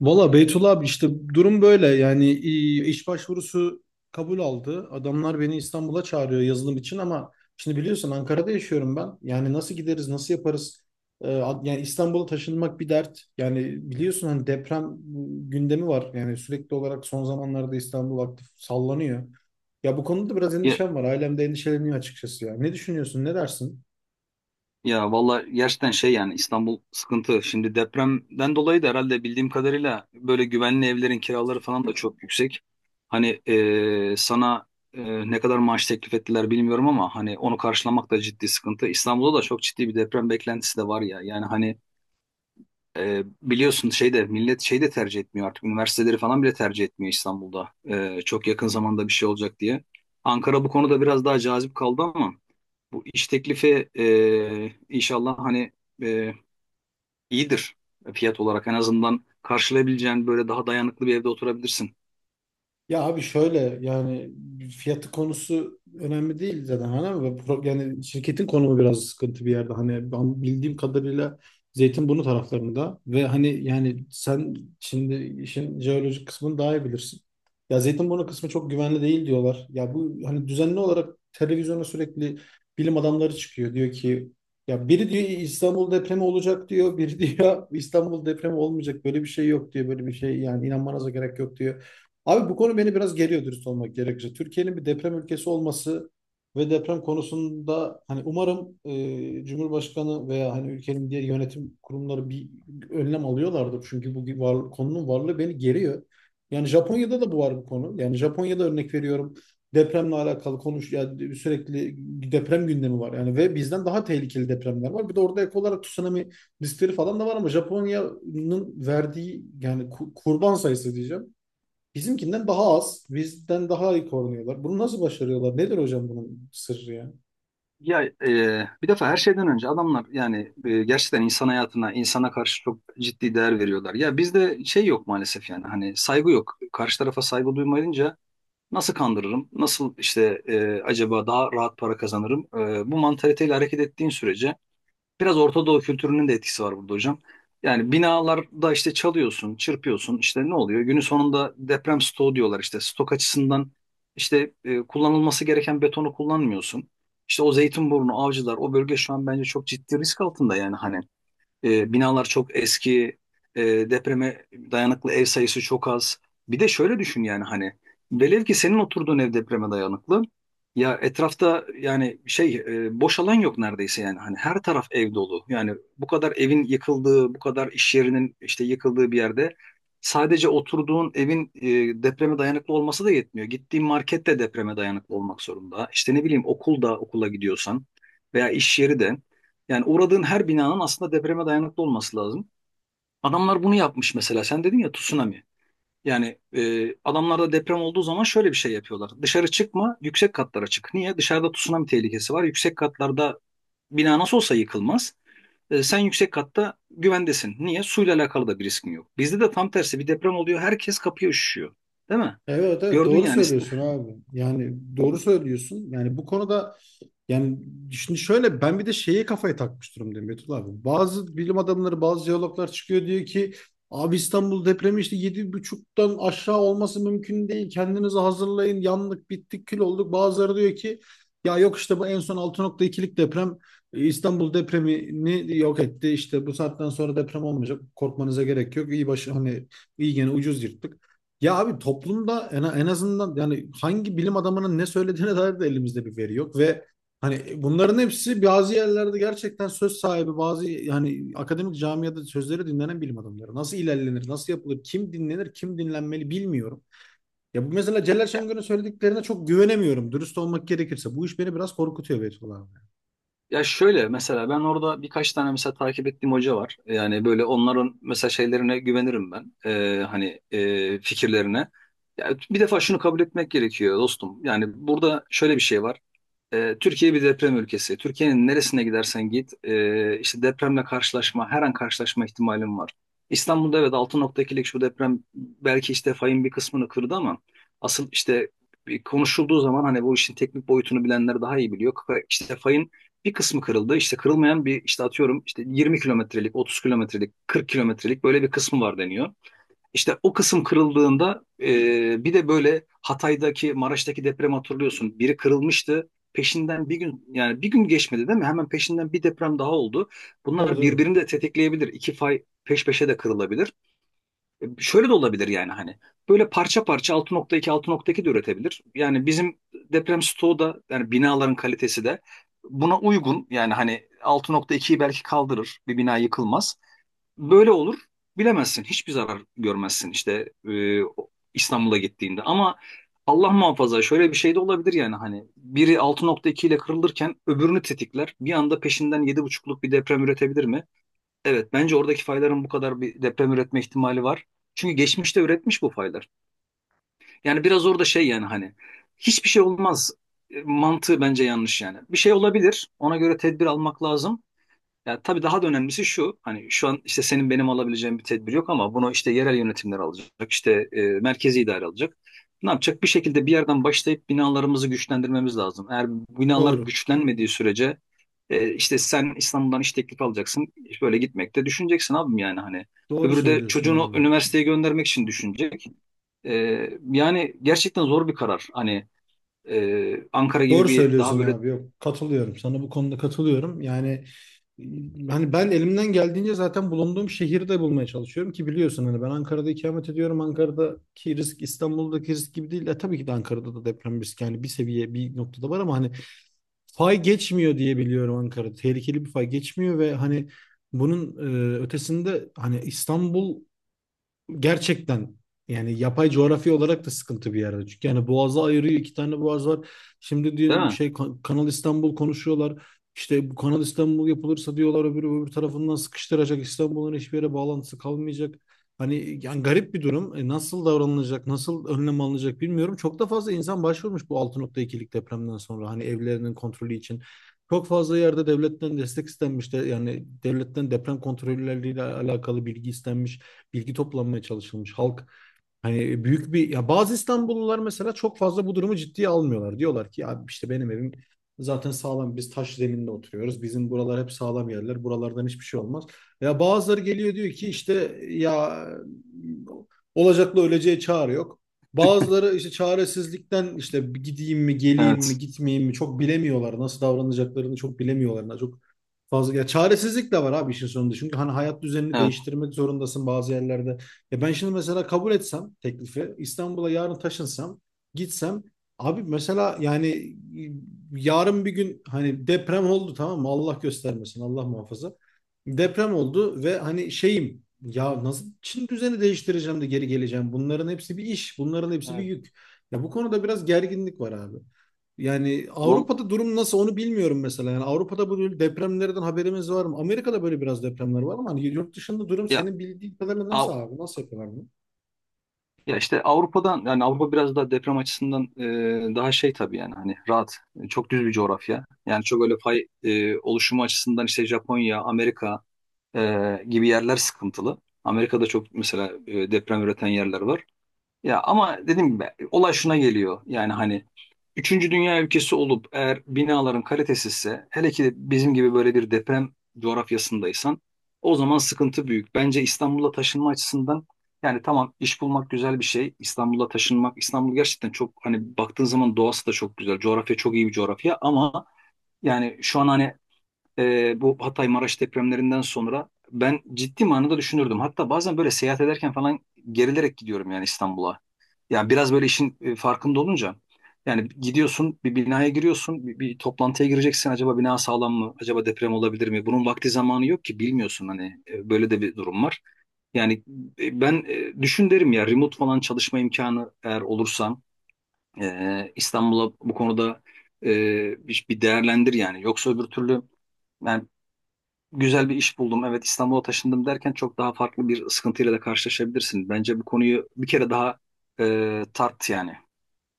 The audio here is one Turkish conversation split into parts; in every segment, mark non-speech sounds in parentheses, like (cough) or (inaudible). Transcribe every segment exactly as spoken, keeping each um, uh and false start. Valla Beytullah abi işte durum böyle yani i- iş başvurusu kabul aldı. Adamlar beni İstanbul'a çağırıyor yazılım için ama şimdi biliyorsun Ankara'da yaşıyorum ben. Yani nasıl gideriz nasıl yaparız? Ee, ad- yani İstanbul'a taşınmak bir dert. Yani biliyorsun hani deprem gündemi var. Yani sürekli olarak son zamanlarda İstanbul aktif sallanıyor. Ya bu konuda da biraz Ya, endişem var. Ailem de endişeleniyor açıkçası ya. Ne düşünüyorsun ne dersin? ya valla gerçekten şey yani İstanbul sıkıntı. Şimdi depremden dolayı da herhalde bildiğim kadarıyla böyle güvenli evlerin kiraları falan da çok yüksek. Hani e, sana e, ne kadar maaş teklif ettiler bilmiyorum ama hani onu karşılamak da ciddi sıkıntı. İstanbul'da da çok ciddi bir deprem beklentisi de var ya. Yani hani e, biliyorsun şeyde millet şey de tercih etmiyor artık. Üniversiteleri falan bile tercih etmiyor İstanbul'da. E, çok yakın zamanda bir şey olacak diye. Ankara bu konuda biraz daha cazip kaldı ama. Bu iş teklifi e, inşallah hani e, iyidir, fiyat olarak en azından karşılayabileceğin böyle daha dayanıklı bir evde oturabilirsin. Ya abi şöyle yani fiyatı konusu önemli değil zaten hani ama pro- yani şirketin konumu biraz sıkıntı bir yerde hani ben bildiğim kadarıyla Zeytinburnu taraflarında ve hani yani sen şimdi işin jeolojik kısmını daha iyi bilirsin. Ya Zeytinburnu kısmı çok güvenli değil diyorlar. Ya bu hani düzenli olarak televizyona sürekli bilim adamları çıkıyor diyor ki ya biri diyor İstanbul depremi olacak diyor, biri diyor İstanbul depremi olmayacak böyle bir şey yok diyor böyle bir şey yani inanmanıza gerek yok diyor. Abi bu konu beni biraz geriyor dürüst olmak gerekirse. Türkiye'nin bir deprem ülkesi olması ve deprem konusunda hani umarım e, Cumhurbaşkanı veya hani ülkenin diğer yönetim kurumları bir önlem alıyorlardır. Çünkü bu var, konunun varlığı beni geriyor. Yani Japonya'da da bu var bu konu. Yani Japonya'da örnek veriyorum depremle alakalı konuş yani sürekli deprem gündemi var. Yani ve bizden daha tehlikeli depremler var. Bir de orada ek olarak tsunami riskleri falan da var ama Japonya'nın verdiği yani ku- kurban sayısı diyeceğim. Bizimkinden daha az, bizden daha iyi korunuyorlar. Bunu nasıl başarıyorlar? Nedir hocam bunun sırrı ya? Ya e, bir defa her şeyden önce adamlar yani e, gerçekten insan hayatına, insana karşı çok ciddi değer veriyorlar. Ya bizde şey yok maalesef, yani hani saygı yok. Karşı tarafa saygı duymayınca nasıl kandırırım, nasıl işte e, acaba daha rahat para kazanırım? E, bu mantaliteyle hareket ettiğin sürece biraz Orta Doğu kültürünün de etkisi var burada hocam. Yani binalarda işte çalıyorsun, çırpıyorsun, işte ne oluyor? Günün sonunda deprem stoğu diyorlar işte. Stok açısından işte e, kullanılması gereken betonu kullanmıyorsun. İşte o Zeytinburnu, Avcılar, o bölge şu an bence çok ciddi risk altında yani hani. E, binalar çok eski, e, depreme dayanıklı ev sayısı çok az. Bir de şöyle düşün yani hani velev ki senin oturduğun ev depreme dayanıklı. Ya etrafta yani şey e, boş alan yok neredeyse, yani hani her taraf ev dolu. Yani bu kadar evin yıkıldığı, bu kadar iş yerinin işte yıkıldığı bir yerde sadece oturduğun evin e, depreme dayanıklı olması da yetmiyor. Gittiğin market de depreme dayanıklı olmak zorunda. İşte ne bileyim, okulda okula gidiyorsan veya iş yeri de. Yani uğradığın her binanın aslında depreme dayanıklı olması lazım. Adamlar bunu yapmış mesela. Sen dedin ya, tsunami. Yani e, adamlar da deprem olduğu zaman şöyle bir şey yapıyorlar. Dışarı çıkma, yüksek katlara çık. Niye? Dışarıda tsunami tehlikesi var. Yüksek katlarda bina nasıl olsa yıkılmaz. E, sen yüksek katta güvendesin. Niye? Suyla alakalı da bir riskin yok. Bizde de tam tersi bir deprem oluyor. Herkes kapıya üşüşüyor. Değil mi? Evet, evet, Gördün doğru yani. söylüyorsun (laughs) abi. Yani doğru söylüyorsun. Yani bu konuda yani şimdi şöyle ben bir de şeye kafayı takmış durumdayım Betül abi. Bazı bilim adamları bazı jeologlar çıkıyor diyor ki abi İstanbul depremi işte yedi buçuktan aşağı olması mümkün değil. Kendinizi hazırlayın yandık bittik kül olduk. Bazıları diyor ki ya yok işte bu en son altı nokta ikilik deprem e, İstanbul depremini yok etti. İşte bu saatten sonra deprem olmayacak. Korkmanıza gerek yok. İyi başı hani iyi gene ucuz yırttık. Ya abi toplumda en, en azından yani hangi bilim adamının ne söylediğine dair de elimizde bir veri yok ve hani e, bunların hepsi bazı yerlerde gerçekten söz sahibi, bazı yani akademik camiada sözleri dinlenen bilim adamları. Nasıl ilerlenir, nasıl yapılır, kim dinlenir, kim dinlenmeli bilmiyorum. Ya bu mesela Celal Şengör'ün söylediklerine çok güvenemiyorum. Dürüst olmak gerekirse. Bu iş beni biraz korkutuyor Beytullah abi. Ya şöyle, mesela ben orada birkaç tane mesela takip ettiğim hoca var. Yani böyle onların mesela şeylerine güvenirim ben. Ee, hani e, fikirlerine. Ya bir defa şunu kabul etmek gerekiyor dostum. Yani burada şöyle bir şey var. E, Türkiye bir deprem ülkesi. Türkiye'nin neresine gidersen git, e, işte depremle karşılaşma, her an karşılaşma ihtimalin var. İstanbul'da evet, altı nokta ikilik şu deprem belki işte fayın bir kısmını kırdı ama asıl işte bir konuşulduğu zaman hani bu işin teknik boyutunu bilenler daha iyi biliyor. Ka- İşte fayın bir kısmı kırıldı. İşte kırılmayan bir, işte atıyorum işte yirmi kilometrelik, otuz kilometrelik, kırk kilometrelik böyle bir kısmı var deniyor. İşte o kısım kırıldığında e, bir de böyle Hatay'daki, Maraş'taki deprem, hatırlıyorsun. Biri kırılmıştı. Peşinden bir gün, yani bir gün geçmedi değil mi? Hemen peşinden bir deprem daha oldu. Tabii, Bunlar tabii. birbirini de tetikleyebilir. İki fay peş peşe de kırılabilir. E, şöyle de olabilir yani hani. Böyle parça parça altı nokta iki altı nokta iki de üretebilir. Yani bizim deprem stoğu da, yani binaların kalitesi de buna uygun. Yani hani altı nokta ikiyi belki kaldırır. Bir bina yıkılmaz. Böyle olur. Bilemezsin. Hiçbir zarar görmezsin işte e, İstanbul'a gittiğinde. Ama Allah muhafaza, şöyle bir şey de olabilir yani hani biri altı nokta iki ile kırılırken öbürünü tetikler. Bir anda peşinden yedi nokta beşlik bir deprem üretebilir mi? Evet, bence oradaki fayların bu kadar bir deprem üretme ihtimali var. Çünkü geçmişte üretmiş bu faylar. Yani biraz orada şey, yani hani hiçbir şey olmaz e, mantığı bence yanlış yani. Bir şey olabilir. Ona göre tedbir almak lazım. Ya tabii daha da önemlisi şu, hani şu an işte senin benim alabileceğim bir tedbir yok, ama bunu işte yerel yönetimler alacak, işte e, merkezi idare alacak. Ne yapacak? Bir şekilde bir yerden başlayıp binalarımızı güçlendirmemiz lazım. Eğer binalar Doğru. güçlenmediği sürece e, işte sen İstanbul'dan iş teklifi alacaksın, böyle gitmekte düşüneceksin abim, yani hani. Doğru Öbürü de söylüyorsun çocuğunu abi. üniversiteye göndermek için düşünecek. E, Yani gerçekten zor bir karar. Hani e, Ankara gibi Doğru bir daha söylüyorsun böyle, abi. Yok, katılıyorum. Sana bu konuda katılıyorum. Yani e, hani ben elimden geldiğince zaten bulunduğum şehirde bulmaya çalışıyorum ki biliyorsun hani ben Ankara'da ikamet ediyorum. Ankara'daki risk İstanbul'daki risk gibi değil. E, tabii ki de Ankara'da da deprem riski yani bir seviye bir noktada var ama hani fay geçmiyor diye biliyorum Ankara'da. Tehlikeli bir fay geçmiyor ve hani bunun e, ötesinde hani İstanbul gerçekten yani yapay coğrafi olarak da sıkıntı bir yerde. Çünkü yani boğazı ayırıyor iki tane boğaz var. Şimdi değil diyor, mi? şey Ka- Kanal İstanbul konuşuyorlar. İşte bu Kanal İstanbul yapılırsa diyorlar öbür öbür tarafından sıkıştıracak. İstanbul'un hiçbir yere bağlantısı kalmayacak. Hani yani garip bir durum. E, nasıl davranılacak, nasıl önlem alınacak bilmiyorum. Çok da fazla insan başvurmuş bu altı nokta ikilik depremden sonra hani evlerinin kontrolü için. Çok fazla yerde devletten destek istenmiş de yani devletten deprem kontrolleriyle alakalı bilgi istenmiş, bilgi toplanmaya çalışılmış. Halk hani büyük bir ya bazı İstanbullular mesela çok fazla bu durumu ciddiye almıyorlar. Diyorlar ki ya işte benim evim zaten sağlam, biz taş zeminde oturuyoruz. Bizim buralar hep sağlam yerler. Buralardan hiçbir şey olmaz. Ya bazıları geliyor diyor ki işte ya olacakla öleceğe çare yok. Bazıları işte çaresizlikten işte gideyim mi geleyim mi Evet, gitmeyeyim mi çok bilemiyorlar. Nasıl davranacaklarını çok bilemiyorlar. Çok fazla ya çaresizlik de var abi işin sonunda. Çünkü hani hayat düzenini evet, değiştirmek zorundasın bazı yerlerde. E ben şimdi mesela kabul etsem teklifi, İstanbul'a yarın taşınsam, gitsem abi mesela yani e, yarın bir gün hani deprem oldu tamam mı? Allah göstermesin, Allah muhafaza. Deprem oldu ve hani şeyim ya nasıl Çin düzeni değiştireceğim de geri geleceğim. Bunların hepsi bir iş, bunların hepsi bir evet. yük. Ya bu konuda biraz gerginlik var abi. Yani Val- Avrupa'da durum nasıl onu bilmiyorum mesela. Yani Avrupa'da böyle depremlerden haberimiz var mı? Amerika'da böyle biraz depremler var ama hani yurt dışında durum Ya, senin bildiğin kadarıyla nasıl Av- abi? Nasıl yapıyorlar bunu? Ya işte Avrupa'dan, yani Avrupa biraz daha deprem açısından e, daha şey tabii yani hani, rahat e, çok düz bir coğrafya. Yani çok öyle fay e, oluşumu açısından işte Japonya, Amerika e, gibi yerler sıkıntılı. Amerika'da çok mesela e, deprem üreten yerler var. Ya ama dediğim gibi olay şuna geliyor. Yani hani üçüncü dünya ülkesi olup eğer binaların kalitesizse, hele ki de bizim gibi böyle bir deprem coğrafyasındaysan, o zaman sıkıntı büyük. Bence İstanbul'a taşınma açısından, yani tamam, iş bulmak güzel bir şey. İstanbul'a taşınmak, İstanbul gerçekten çok hani baktığın zaman doğası da çok güzel. Coğrafya çok iyi bir coğrafya ama yani şu an hani e, bu Hatay Maraş depremlerinden sonra ben ciddi manada düşünürdüm. Hatta bazen böyle seyahat ederken falan gerilerek gidiyorum yani İstanbul'a. Yani biraz böyle işin e, farkında olunca yani gidiyorsun, bir binaya giriyorsun, bir, bir toplantıya gireceksin, acaba bina sağlam mı, acaba deprem olabilir mi, bunun vakti zamanı yok ki, bilmiyorsun hani. E, böyle de bir durum var. Yani e, ben e, düşün derim ya, remote falan çalışma imkanı eğer olursam e, İstanbul'a bu konuda e, bir bir değerlendir yani, yoksa öbür türlü yani güzel bir iş buldum, evet İstanbul'a taşındım derken çok daha farklı bir sıkıntıyla da karşılaşabilirsin. Bence bu konuyu bir kere daha e, tart yani.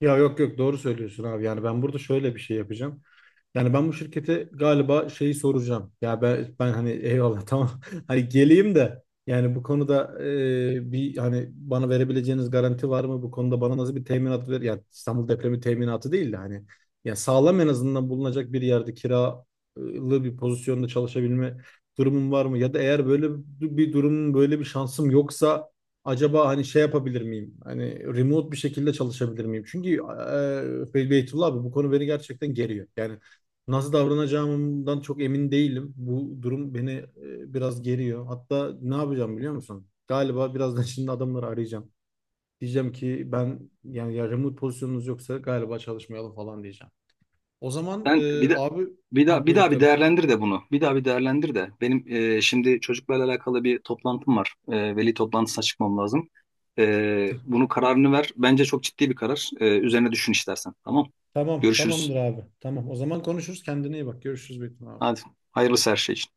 Ya yok, yok, doğru söylüyorsun abi. Yani ben burada şöyle bir şey yapacağım. Yani ben bu şirkete galiba şeyi soracağım. Ya ben, ben hani eyvallah (laughs) tamam. Hani geleyim de yani bu konuda e, bir hani bana verebileceğiniz garanti var mı? Bu konuda bana nasıl bir teminat ver? Yani İstanbul depremi teminatı değil de hani ya sağlam en azından bulunacak bir yerde kiralı bir pozisyonda çalışabilme durumum var mı? Ya da eğer böyle bir durum böyle bir şansım yoksa acaba hani şey yapabilir miyim? Hani remote bir şekilde çalışabilir miyim? Çünkü e, Beytullah abi bu konu beni gerçekten geriyor. Yani nasıl davranacağımdan çok emin değilim. Bu durum beni e, biraz geriyor. Hatta ne yapacağım biliyor musun? Galiba birazdan (laughs) şimdi adamları arayacağım. Diyeceğim ki ben yani ya remote pozisyonunuz yoksa galiba çalışmayalım falan diyeceğim. O zaman Ben e, bir de abi bir ha daha bir buyur daha bir tabii. değerlendir de bunu. Bir daha bir değerlendir de. Benim e, şimdi çocuklarla alakalı bir toplantım var. E, veli toplantısına çıkmam lazım. E, bunu, kararını ver. Bence çok ciddi bir karar. E, üzerine düşün istersen. Tamam. Tamam, Görüşürüz. tamamdır abi. Tamam, o zaman konuşuruz. Kendine iyi bak. Görüşürüz Betim abi. Hadi. Hayırlısı her şey için.